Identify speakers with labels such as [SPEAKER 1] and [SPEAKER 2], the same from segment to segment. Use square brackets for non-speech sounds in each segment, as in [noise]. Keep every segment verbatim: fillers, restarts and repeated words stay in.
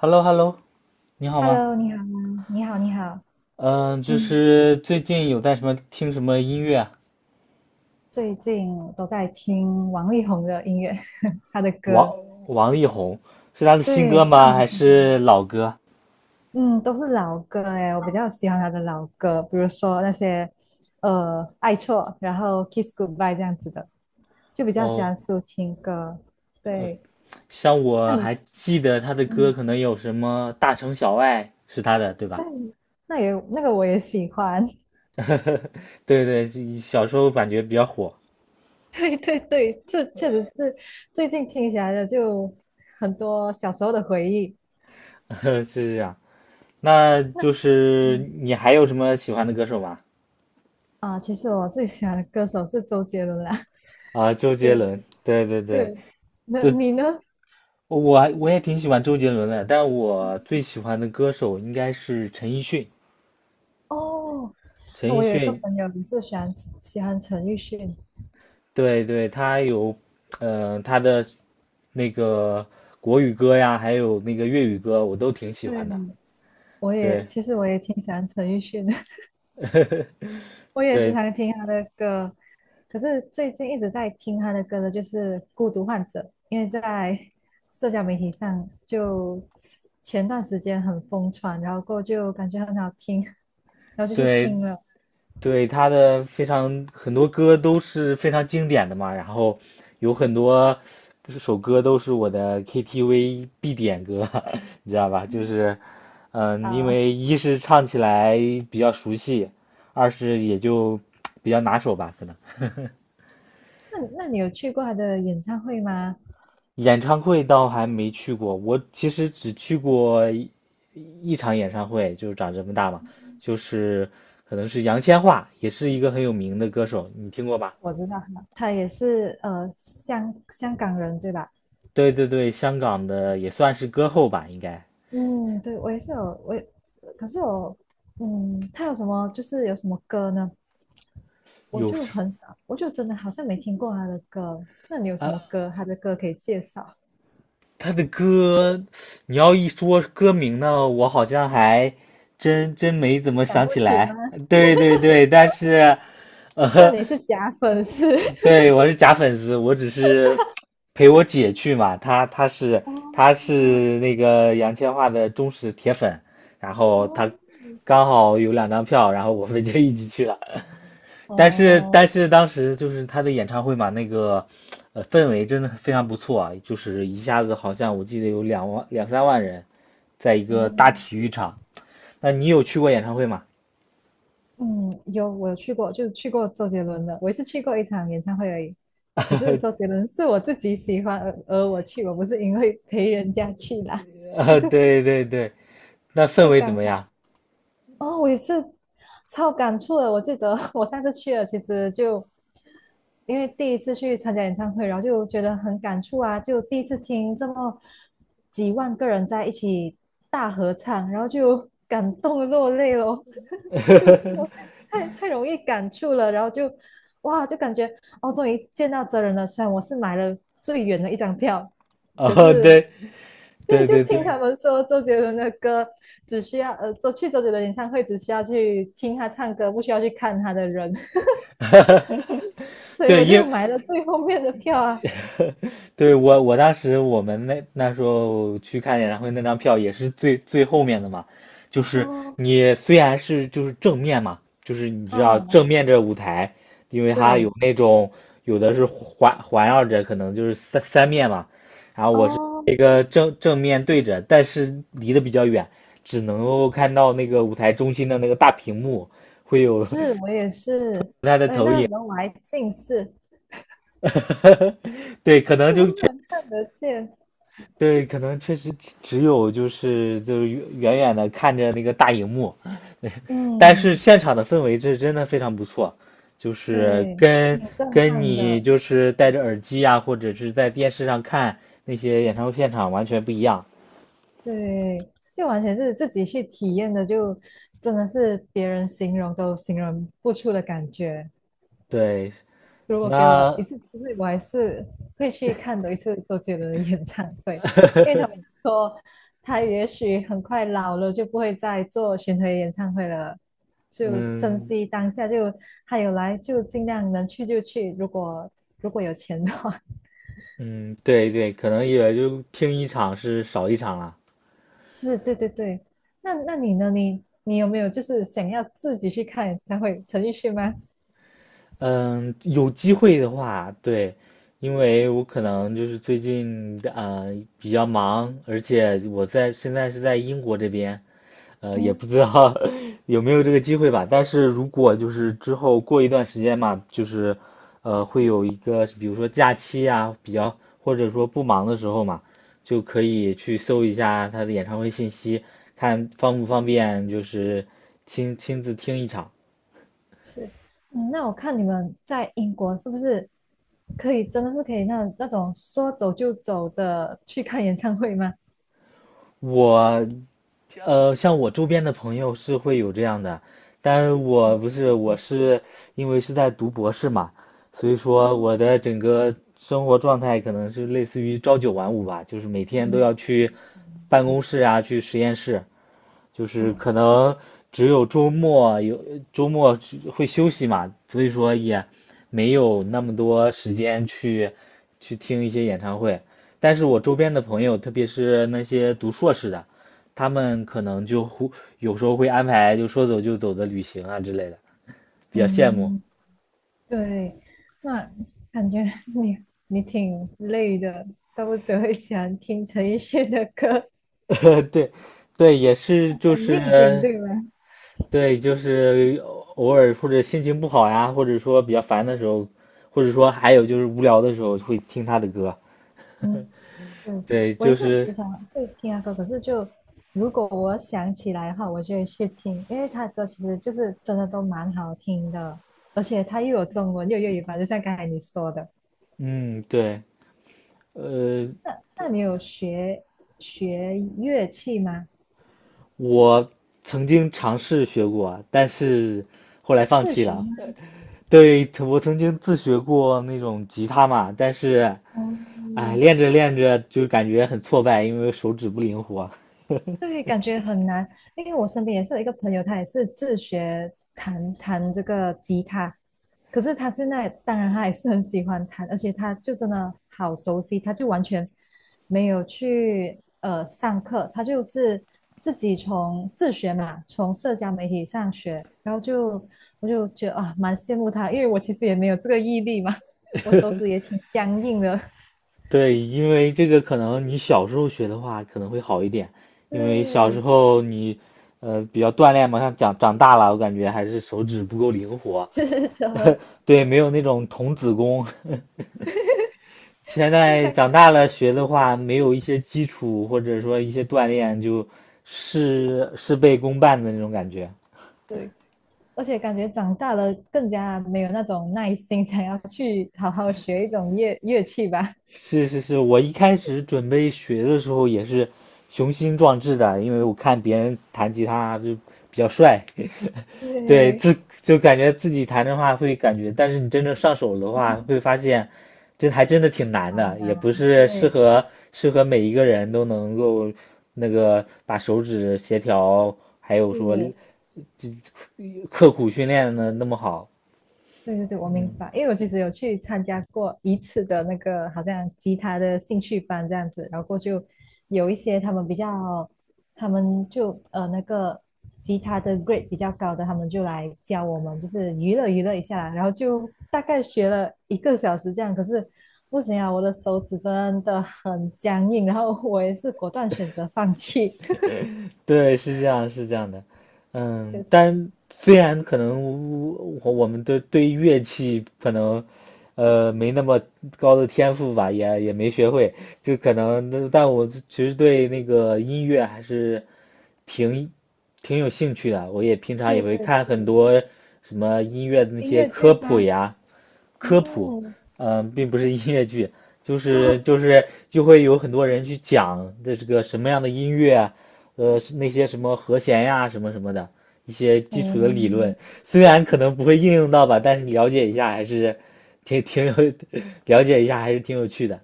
[SPEAKER 1] h e l l o h e l l o 你好吗？
[SPEAKER 2] Hello，你好吗你好，你好。
[SPEAKER 1] 嗯，就
[SPEAKER 2] 嗯，
[SPEAKER 1] 是最近有在什么听什么音乐啊。
[SPEAKER 2] 最近我都在听王力宏的音乐，[laughs] 他的
[SPEAKER 1] 王
[SPEAKER 2] 歌。
[SPEAKER 1] 王力宏是他的新
[SPEAKER 2] 对，
[SPEAKER 1] 歌
[SPEAKER 2] 不知道
[SPEAKER 1] 吗？
[SPEAKER 2] 你
[SPEAKER 1] 还
[SPEAKER 2] 喜欢？
[SPEAKER 1] 是老歌？
[SPEAKER 2] 嗯，都是老歌诶，我比较喜欢他的老歌，比如说那些呃《爱错》，然后《Kiss Goodbye》这样子的，就比较喜
[SPEAKER 1] 哦，
[SPEAKER 2] 欢抒情歌。对，
[SPEAKER 1] 像
[SPEAKER 2] 那
[SPEAKER 1] 我
[SPEAKER 2] 你，
[SPEAKER 1] 还记得他的歌，
[SPEAKER 2] 嗯，
[SPEAKER 1] 可能有什么《大城小爱》是他的，对
[SPEAKER 2] 那
[SPEAKER 1] 吧？
[SPEAKER 2] 你那也那个我也喜欢。[laughs]
[SPEAKER 1] [laughs] 对对，这小时候感觉比较火。
[SPEAKER 2] 对对对，这确实是最近听起来的就很多小时候的回忆。
[SPEAKER 1] [laughs] 是这样。那就是
[SPEAKER 2] 嗯。
[SPEAKER 1] 你还有什么喜欢的歌手吗？
[SPEAKER 2] 啊，其实我最喜欢的歌手是周杰伦啦。
[SPEAKER 1] 啊，周
[SPEAKER 2] [laughs]
[SPEAKER 1] 杰
[SPEAKER 2] 对
[SPEAKER 1] 伦，对对对
[SPEAKER 2] 对，那
[SPEAKER 1] 对。
[SPEAKER 2] 你呢？
[SPEAKER 1] 我我也挺喜欢周杰伦的，但我最喜欢的歌手应该是陈奕迅。
[SPEAKER 2] 哦，
[SPEAKER 1] 陈奕
[SPEAKER 2] 我有一个
[SPEAKER 1] 迅，
[SPEAKER 2] 朋友也是喜欢喜欢陈奕迅。
[SPEAKER 1] 对对，他有，嗯、他的那个国语歌呀，还有那个粤语歌，我都挺喜
[SPEAKER 2] 对，
[SPEAKER 1] 欢的。
[SPEAKER 2] 我也
[SPEAKER 1] 对，
[SPEAKER 2] 其实我也挺喜欢陈奕迅的，
[SPEAKER 1] [laughs]
[SPEAKER 2] [laughs] 我也时
[SPEAKER 1] 对
[SPEAKER 2] 常听他的歌。可是最近一直在听他的歌的就是《孤独患者》，因为在社交媒体上就前段时间很疯传，然后过后就感觉很好听，[laughs] 然后就去
[SPEAKER 1] 对，
[SPEAKER 2] 听了
[SPEAKER 1] 对，他的非常很多歌都是非常经典的嘛，然后有很多首歌都是我的 K T V 必点歌，[laughs] 你知道吧？就是，嗯，因
[SPEAKER 2] 啊。
[SPEAKER 1] 为一是唱起来比较熟悉，二是也就比较拿手吧，可能。[laughs]
[SPEAKER 2] 那那你有去过他的演唱会吗？
[SPEAKER 1] 演唱会倒还没去过，我其实只去过一一场演唱会，就是长这么大嘛，就是可能是杨千嬅，也是一个很有名的歌手，你听过吧？
[SPEAKER 2] 我知道他，他也是呃香香港人对吧？
[SPEAKER 1] 对对对，香港的也算是歌后吧，应该
[SPEAKER 2] 嗯，对，我也是有我也，可是我嗯，他有什么就是有什么歌呢？我
[SPEAKER 1] 有
[SPEAKER 2] 就
[SPEAKER 1] 时
[SPEAKER 2] 很少，我就真的好像没听过他的歌。那你有什
[SPEAKER 1] 啊，
[SPEAKER 2] 么歌？他的歌可以介绍？
[SPEAKER 1] 他的歌，你要一说歌名呢，我好像还真真没怎么
[SPEAKER 2] 想
[SPEAKER 1] 想
[SPEAKER 2] 不
[SPEAKER 1] 起
[SPEAKER 2] 起
[SPEAKER 1] 来。
[SPEAKER 2] 吗？
[SPEAKER 1] 呃对对对，但是，
[SPEAKER 2] 那
[SPEAKER 1] 呃，
[SPEAKER 2] 你是假粉丝。
[SPEAKER 1] 对，我是假粉丝，我只是陪我姐去嘛，她她是
[SPEAKER 2] [laughs]
[SPEAKER 1] 她
[SPEAKER 2] 哦
[SPEAKER 1] 是那个杨千嬅的忠实铁粉，然后
[SPEAKER 2] 哦
[SPEAKER 1] 她刚好有两张票，然后我们就一起去了。但是但
[SPEAKER 2] 哦，
[SPEAKER 1] 是当时就是他的演唱会嘛，那个呃氛围真的非常不错啊，就是一下子好像我记得有两万两三万人，在一个大
[SPEAKER 2] 嗯
[SPEAKER 1] 体育场。那你有去过演唱会吗？
[SPEAKER 2] 嗯，有我有去过，就去过周杰伦的，我也是去过一场演唱会而已。可是周
[SPEAKER 1] [laughs]
[SPEAKER 2] 杰伦是我自己喜欢而而我去，我不是因为陪人家去啦。
[SPEAKER 1] 啊，对对对，那氛
[SPEAKER 2] 就
[SPEAKER 1] 围怎
[SPEAKER 2] 刚
[SPEAKER 1] 么样？
[SPEAKER 2] 哦，我也是超感触的。我记得 [laughs] 我上次去了，其实就因为第一次去参加演唱会，然后就觉得很感触啊，就第一次听这么几万个人在一起大合唱，然后就 [laughs] 感动落泪咯。[laughs] 就我
[SPEAKER 1] [laughs]
[SPEAKER 2] 太太容易感触了，然后就哇，就感觉哦，终于见到真人了。虽然我是买了最远的一张票，可
[SPEAKER 1] 哦，
[SPEAKER 2] 是
[SPEAKER 1] 对
[SPEAKER 2] 就
[SPEAKER 1] 对
[SPEAKER 2] 就
[SPEAKER 1] 对
[SPEAKER 2] 听
[SPEAKER 1] 对，
[SPEAKER 2] 他们说周杰伦的歌，只需要呃，周去周杰伦演唱会只需要去听他唱歌，不需要去看他的人，
[SPEAKER 1] [laughs]
[SPEAKER 2] [laughs] 所以
[SPEAKER 1] 对，
[SPEAKER 2] 我就
[SPEAKER 1] 因
[SPEAKER 2] 买了最后面的票啊。
[SPEAKER 1] [laughs] 对，我我当时我们那那时候去看演唱会那张票也是最最后面的嘛，就是
[SPEAKER 2] 哦，
[SPEAKER 1] 你虽然是就是正面嘛，就是你
[SPEAKER 2] [laughs]
[SPEAKER 1] 知道
[SPEAKER 2] 啊，
[SPEAKER 1] 正面这舞台，因为它有
[SPEAKER 2] 对，
[SPEAKER 1] 那种有的是环环绕着，可能就是三三面嘛，然后我是
[SPEAKER 2] 哦，
[SPEAKER 1] 一个正正面对着，但是离得比较远，只能够看到那个舞台中心的那个大屏幕会有
[SPEAKER 2] 是我也是，
[SPEAKER 1] [laughs] 它的
[SPEAKER 2] 而且
[SPEAKER 1] 投
[SPEAKER 2] 那
[SPEAKER 1] 影。
[SPEAKER 2] 个时候我还近视，
[SPEAKER 1] [laughs] 对，可能
[SPEAKER 2] 就不
[SPEAKER 1] 就
[SPEAKER 2] 是
[SPEAKER 1] 确
[SPEAKER 2] 很看得见。
[SPEAKER 1] 对，可能确实只只有就是就是远远远的看着那个大荧幕，但是
[SPEAKER 2] 嗯，
[SPEAKER 1] 现场的氛围这真的非常不错，就是
[SPEAKER 2] 对，
[SPEAKER 1] 跟
[SPEAKER 2] 挺震
[SPEAKER 1] 跟
[SPEAKER 2] 撼
[SPEAKER 1] 你
[SPEAKER 2] 的，
[SPEAKER 1] 就是戴着耳机啊，或者是在电视上看那些演唱会现场完全不一样。
[SPEAKER 2] 对，就完全是自己去体验的，就真的是别人形容都形容不出的感觉。
[SPEAKER 1] 对，
[SPEAKER 2] 如果给我一
[SPEAKER 1] 那
[SPEAKER 2] 次机会，我还是会去看多一次周杰伦的演唱会，因为他们说他也许很快老了，就不会再做巡回演唱会了，就珍
[SPEAKER 1] 嗯
[SPEAKER 2] 惜当下，就他有来就尽量能去就去，如果如果有钱的话，
[SPEAKER 1] 嗯，对对，可能也就听一场是少一场了。
[SPEAKER 2] [laughs] 是对对对。那那你呢？你你有没有就是想要自己去看演唱会？陈奕迅吗？
[SPEAKER 1] 嗯，有机会的话，对，因为我可能就是最近呃比较忙，而且我在现在是在英国这边，呃，也不
[SPEAKER 2] 嗯。
[SPEAKER 1] 知道 [laughs] 有没有这个机会吧。但是如果就是之后过一段时间嘛，就是呃会有一个比如说假期啊，比较或者说不忙的时候嘛，就可以去搜一下他的演唱会信息，看方不方便就是亲亲自听一场。
[SPEAKER 2] 是，嗯，那我看你们在英国是不是可以真的是可以那那种说走就走的去看演唱会吗？
[SPEAKER 1] 我，呃，像我周边的朋友是会有这样的，但我不是，我是因为是在读博士嘛，所以说
[SPEAKER 2] 哦，
[SPEAKER 1] 我的整个生活状态可能是类似于朝九晚五吧，就是每天都
[SPEAKER 2] 嗯，
[SPEAKER 1] 要去办公室啊，去实验室，就是
[SPEAKER 2] 哦，
[SPEAKER 1] 可能只有周末有周末去会休息嘛，所以说也没有那么多时间去去听一些演唱会。但是我周边的朋友，特别是那些读硕士的，他们可能就会有时候会安排就说走就走的旅行啊之类的，比较羡慕。
[SPEAKER 2] 嗯，对，那感觉你你挺累的，都不得会喜欢听陈奕迅的歌，
[SPEAKER 1] [laughs] 对，对，也是就
[SPEAKER 2] 很应景，
[SPEAKER 1] 是
[SPEAKER 2] 对吗？
[SPEAKER 1] 对，就是偶尔或者心情不好呀，或者说比较烦的时候，或者说还有就是无聊的时候会听他的歌
[SPEAKER 2] 嗯，
[SPEAKER 1] [laughs]。
[SPEAKER 2] 对，
[SPEAKER 1] 对，
[SPEAKER 2] 我也
[SPEAKER 1] 就
[SPEAKER 2] 是
[SPEAKER 1] 是，
[SPEAKER 2] 时常会听他歌，可是就如果我想起来的话，我就会去听，因为他的歌其实就是真的都蛮好听的，而且他又有中文又有粤语版，就像刚才你说的。
[SPEAKER 1] 嗯，对，呃，
[SPEAKER 2] 那那你有学学乐器吗？
[SPEAKER 1] 我曾经尝试学过，但是后来放
[SPEAKER 2] 自
[SPEAKER 1] 弃
[SPEAKER 2] 学
[SPEAKER 1] 了。
[SPEAKER 2] 吗？
[SPEAKER 1] 对，我曾经自学过那种吉他嘛，但是，
[SPEAKER 2] 哦，
[SPEAKER 1] 哎，练着练着就感觉很挫败，因为手指不灵活。
[SPEAKER 2] 对，感觉很难，因为我身边也是有一个朋友，他也是自学弹弹这个吉他，可是他现在当然他也是很喜欢弹，而且他就真的好熟悉，他就完全没有去呃上课，他就是自己从自学嘛，从社交媒体上学，然后就我就觉得啊蛮羡慕他，因为我其实也没有这个毅力嘛，我手指也挺僵硬的，
[SPEAKER 1] 对，因为这个可能你小时候学的话可能会好一点，
[SPEAKER 2] [laughs]
[SPEAKER 1] 因为小时
[SPEAKER 2] 对，
[SPEAKER 1] 候你呃比较锻炼嘛，像长长大了，我感觉还是手指不够灵活，
[SPEAKER 2] 是
[SPEAKER 1] [laughs]
[SPEAKER 2] 的，
[SPEAKER 1] 对，没有那种童子功。[laughs] 现在长大了学的话，没有一些基础或者说一些锻炼，就是事事倍功半的那种感觉。
[SPEAKER 2] [laughs] 对。而且感觉长大了更加没有那种耐心，想要去好好学一种乐乐器吧。
[SPEAKER 1] 是是是，我一开始准备学的时候也是雄心壮志的，因为我看别人弹吉他就比较帅，[laughs] 对，
[SPEAKER 2] 对，
[SPEAKER 1] 自就感觉自己弹的话会感觉，但是你真正上手的话，会
[SPEAKER 2] [laughs]
[SPEAKER 1] 发现这还真的挺难
[SPEAKER 2] 好
[SPEAKER 1] 的，也
[SPEAKER 2] 难，
[SPEAKER 1] 不是适
[SPEAKER 2] 对，
[SPEAKER 1] 合适合每一个人都能够那个把手指协调，还有说
[SPEAKER 2] 是。
[SPEAKER 1] 这刻苦训练的那么好，
[SPEAKER 2] 对对对，我明
[SPEAKER 1] 嗯。
[SPEAKER 2] 白，因为我其实有去参加过一次的那个好像吉他的兴趣班这样子，然后过就有一些他们比较，他们就呃那个吉他的 grade 比较高的，他们就来教我们，就是娱乐娱乐一下，然后就大概学了一个小时这样，可是不行啊，我的手指真的很僵硬，然后我也是果断选择放弃。[laughs]
[SPEAKER 1] 对，是这样，是这样的，嗯，
[SPEAKER 2] 确实，
[SPEAKER 1] 但虽然可能我我们都对乐器可能，呃，没那么高的天赋吧，也也没学会，就可能，但我其实对那个音乐还是挺挺有兴趣的，我也平常也
[SPEAKER 2] 对
[SPEAKER 1] 会
[SPEAKER 2] 对
[SPEAKER 1] 看很
[SPEAKER 2] 对，
[SPEAKER 1] 多什么音乐的那
[SPEAKER 2] 音
[SPEAKER 1] 些
[SPEAKER 2] 乐
[SPEAKER 1] 科
[SPEAKER 2] 剧
[SPEAKER 1] 普
[SPEAKER 2] 吗？
[SPEAKER 1] 呀，科普，
[SPEAKER 2] 嗯，
[SPEAKER 1] 嗯、并不是音乐剧，就
[SPEAKER 2] [laughs]
[SPEAKER 1] 是就是就会有很多人去讲的这个什么样的音乐啊，呃，是那些什么和弦呀，什么什么的一些基础的理论，
[SPEAKER 2] 哦。
[SPEAKER 1] 虽然可能不会应用到吧，但是了解一下还是挺挺有 [laughs] 了解一下还是挺有趣的。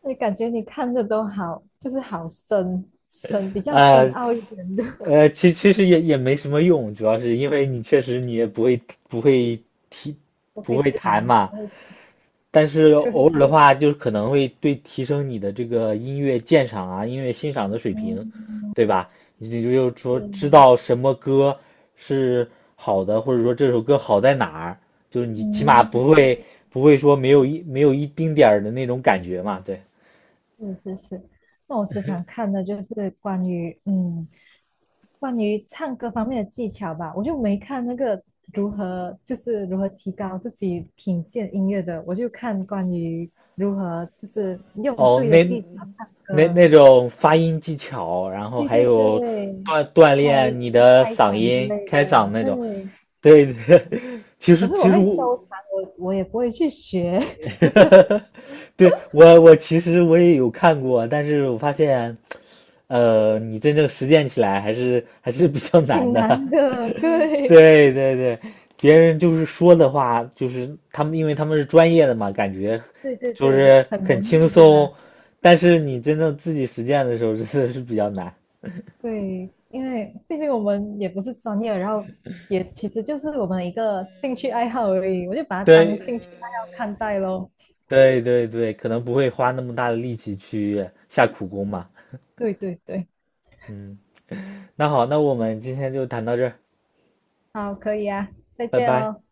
[SPEAKER 2] 那感觉你看的都好，就是好深深，比较深
[SPEAKER 1] 呃
[SPEAKER 2] 奥一点的，[laughs]
[SPEAKER 1] 呃，其其实也也没什么用，主要是因为你确实你也不会不会踢
[SPEAKER 2] 我会
[SPEAKER 1] 不会弹
[SPEAKER 2] 谈，
[SPEAKER 1] 嘛，
[SPEAKER 2] 我会
[SPEAKER 1] 但是偶
[SPEAKER 2] 对，
[SPEAKER 1] 尔的话，就是可能会对提升你的这个音乐鉴赏啊、音乐欣赏的水平，
[SPEAKER 2] 嗯，
[SPEAKER 1] 对吧？你就就是
[SPEAKER 2] 是，
[SPEAKER 1] 说知道什么歌是好的，或者说这首歌好在哪儿，就是你起码
[SPEAKER 2] 嗯，
[SPEAKER 1] 不会不会说没有一没有一丁点儿的那种感觉嘛，对。
[SPEAKER 2] 是是是。那我时常看的就是关于嗯，关于唱歌方面的技巧吧，我就没看那个如何就是如何提高自己品鉴音乐的，我就看关于如何就是用
[SPEAKER 1] 哦，
[SPEAKER 2] 对的
[SPEAKER 1] 那
[SPEAKER 2] 技巧唱
[SPEAKER 1] 那
[SPEAKER 2] 歌，
[SPEAKER 1] 那种发音技巧，然后
[SPEAKER 2] 对
[SPEAKER 1] 还
[SPEAKER 2] 对
[SPEAKER 1] 有
[SPEAKER 2] 对，
[SPEAKER 1] 锻锻
[SPEAKER 2] 开
[SPEAKER 1] 炼你的
[SPEAKER 2] 开
[SPEAKER 1] 嗓
[SPEAKER 2] 嗓之
[SPEAKER 1] 音、
[SPEAKER 2] 类的，
[SPEAKER 1] 开嗓那种，
[SPEAKER 2] 对。
[SPEAKER 1] 对对。[laughs] 其
[SPEAKER 2] 可
[SPEAKER 1] 实
[SPEAKER 2] 是我
[SPEAKER 1] 其实
[SPEAKER 2] 会
[SPEAKER 1] 我
[SPEAKER 2] 收藏，我我也不会去学，
[SPEAKER 1] [laughs] 对，我我其实我也有看过，但是我发现，呃，你真正实践起来还是还是比较
[SPEAKER 2] [laughs]
[SPEAKER 1] 难
[SPEAKER 2] 挺
[SPEAKER 1] 的。
[SPEAKER 2] 难的。
[SPEAKER 1] [laughs]
[SPEAKER 2] 对，
[SPEAKER 1] 对对对，别人就是说的话，就是他们，因为他们是专业的嘛，感觉
[SPEAKER 2] 对对
[SPEAKER 1] 就
[SPEAKER 2] 对，
[SPEAKER 1] 是
[SPEAKER 2] 很
[SPEAKER 1] 很
[SPEAKER 2] 容
[SPEAKER 1] 轻
[SPEAKER 2] 易，对
[SPEAKER 1] 松，
[SPEAKER 2] 吧？
[SPEAKER 1] 但是你真正自己实践的时候，真的是比较难
[SPEAKER 2] 对，因为毕竟我们也不是专业，然后也其实就是我们一个兴趣爱好而已，我就
[SPEAKER 1] [laughs]。
[SPEAKER 2] 把它当
[SPEAKER 1] 对
[SPEAKER 2] 兴趣爱好看待咯。
[SPEAKER 1] 对对对，可能不会花那么大的力气去下苦功嘛。
[SPEAKER 2] 对对对，
[SPEAKER 1] 嗯，那好，那我们今天就谈到这儿，
[SPEAKER 2] 好，可以啊，再
[SPEAKER 1] 拜
[SPEAKER 2] 见
[SPEAKER 1] 拜。
[SPEAKER 2] 哦。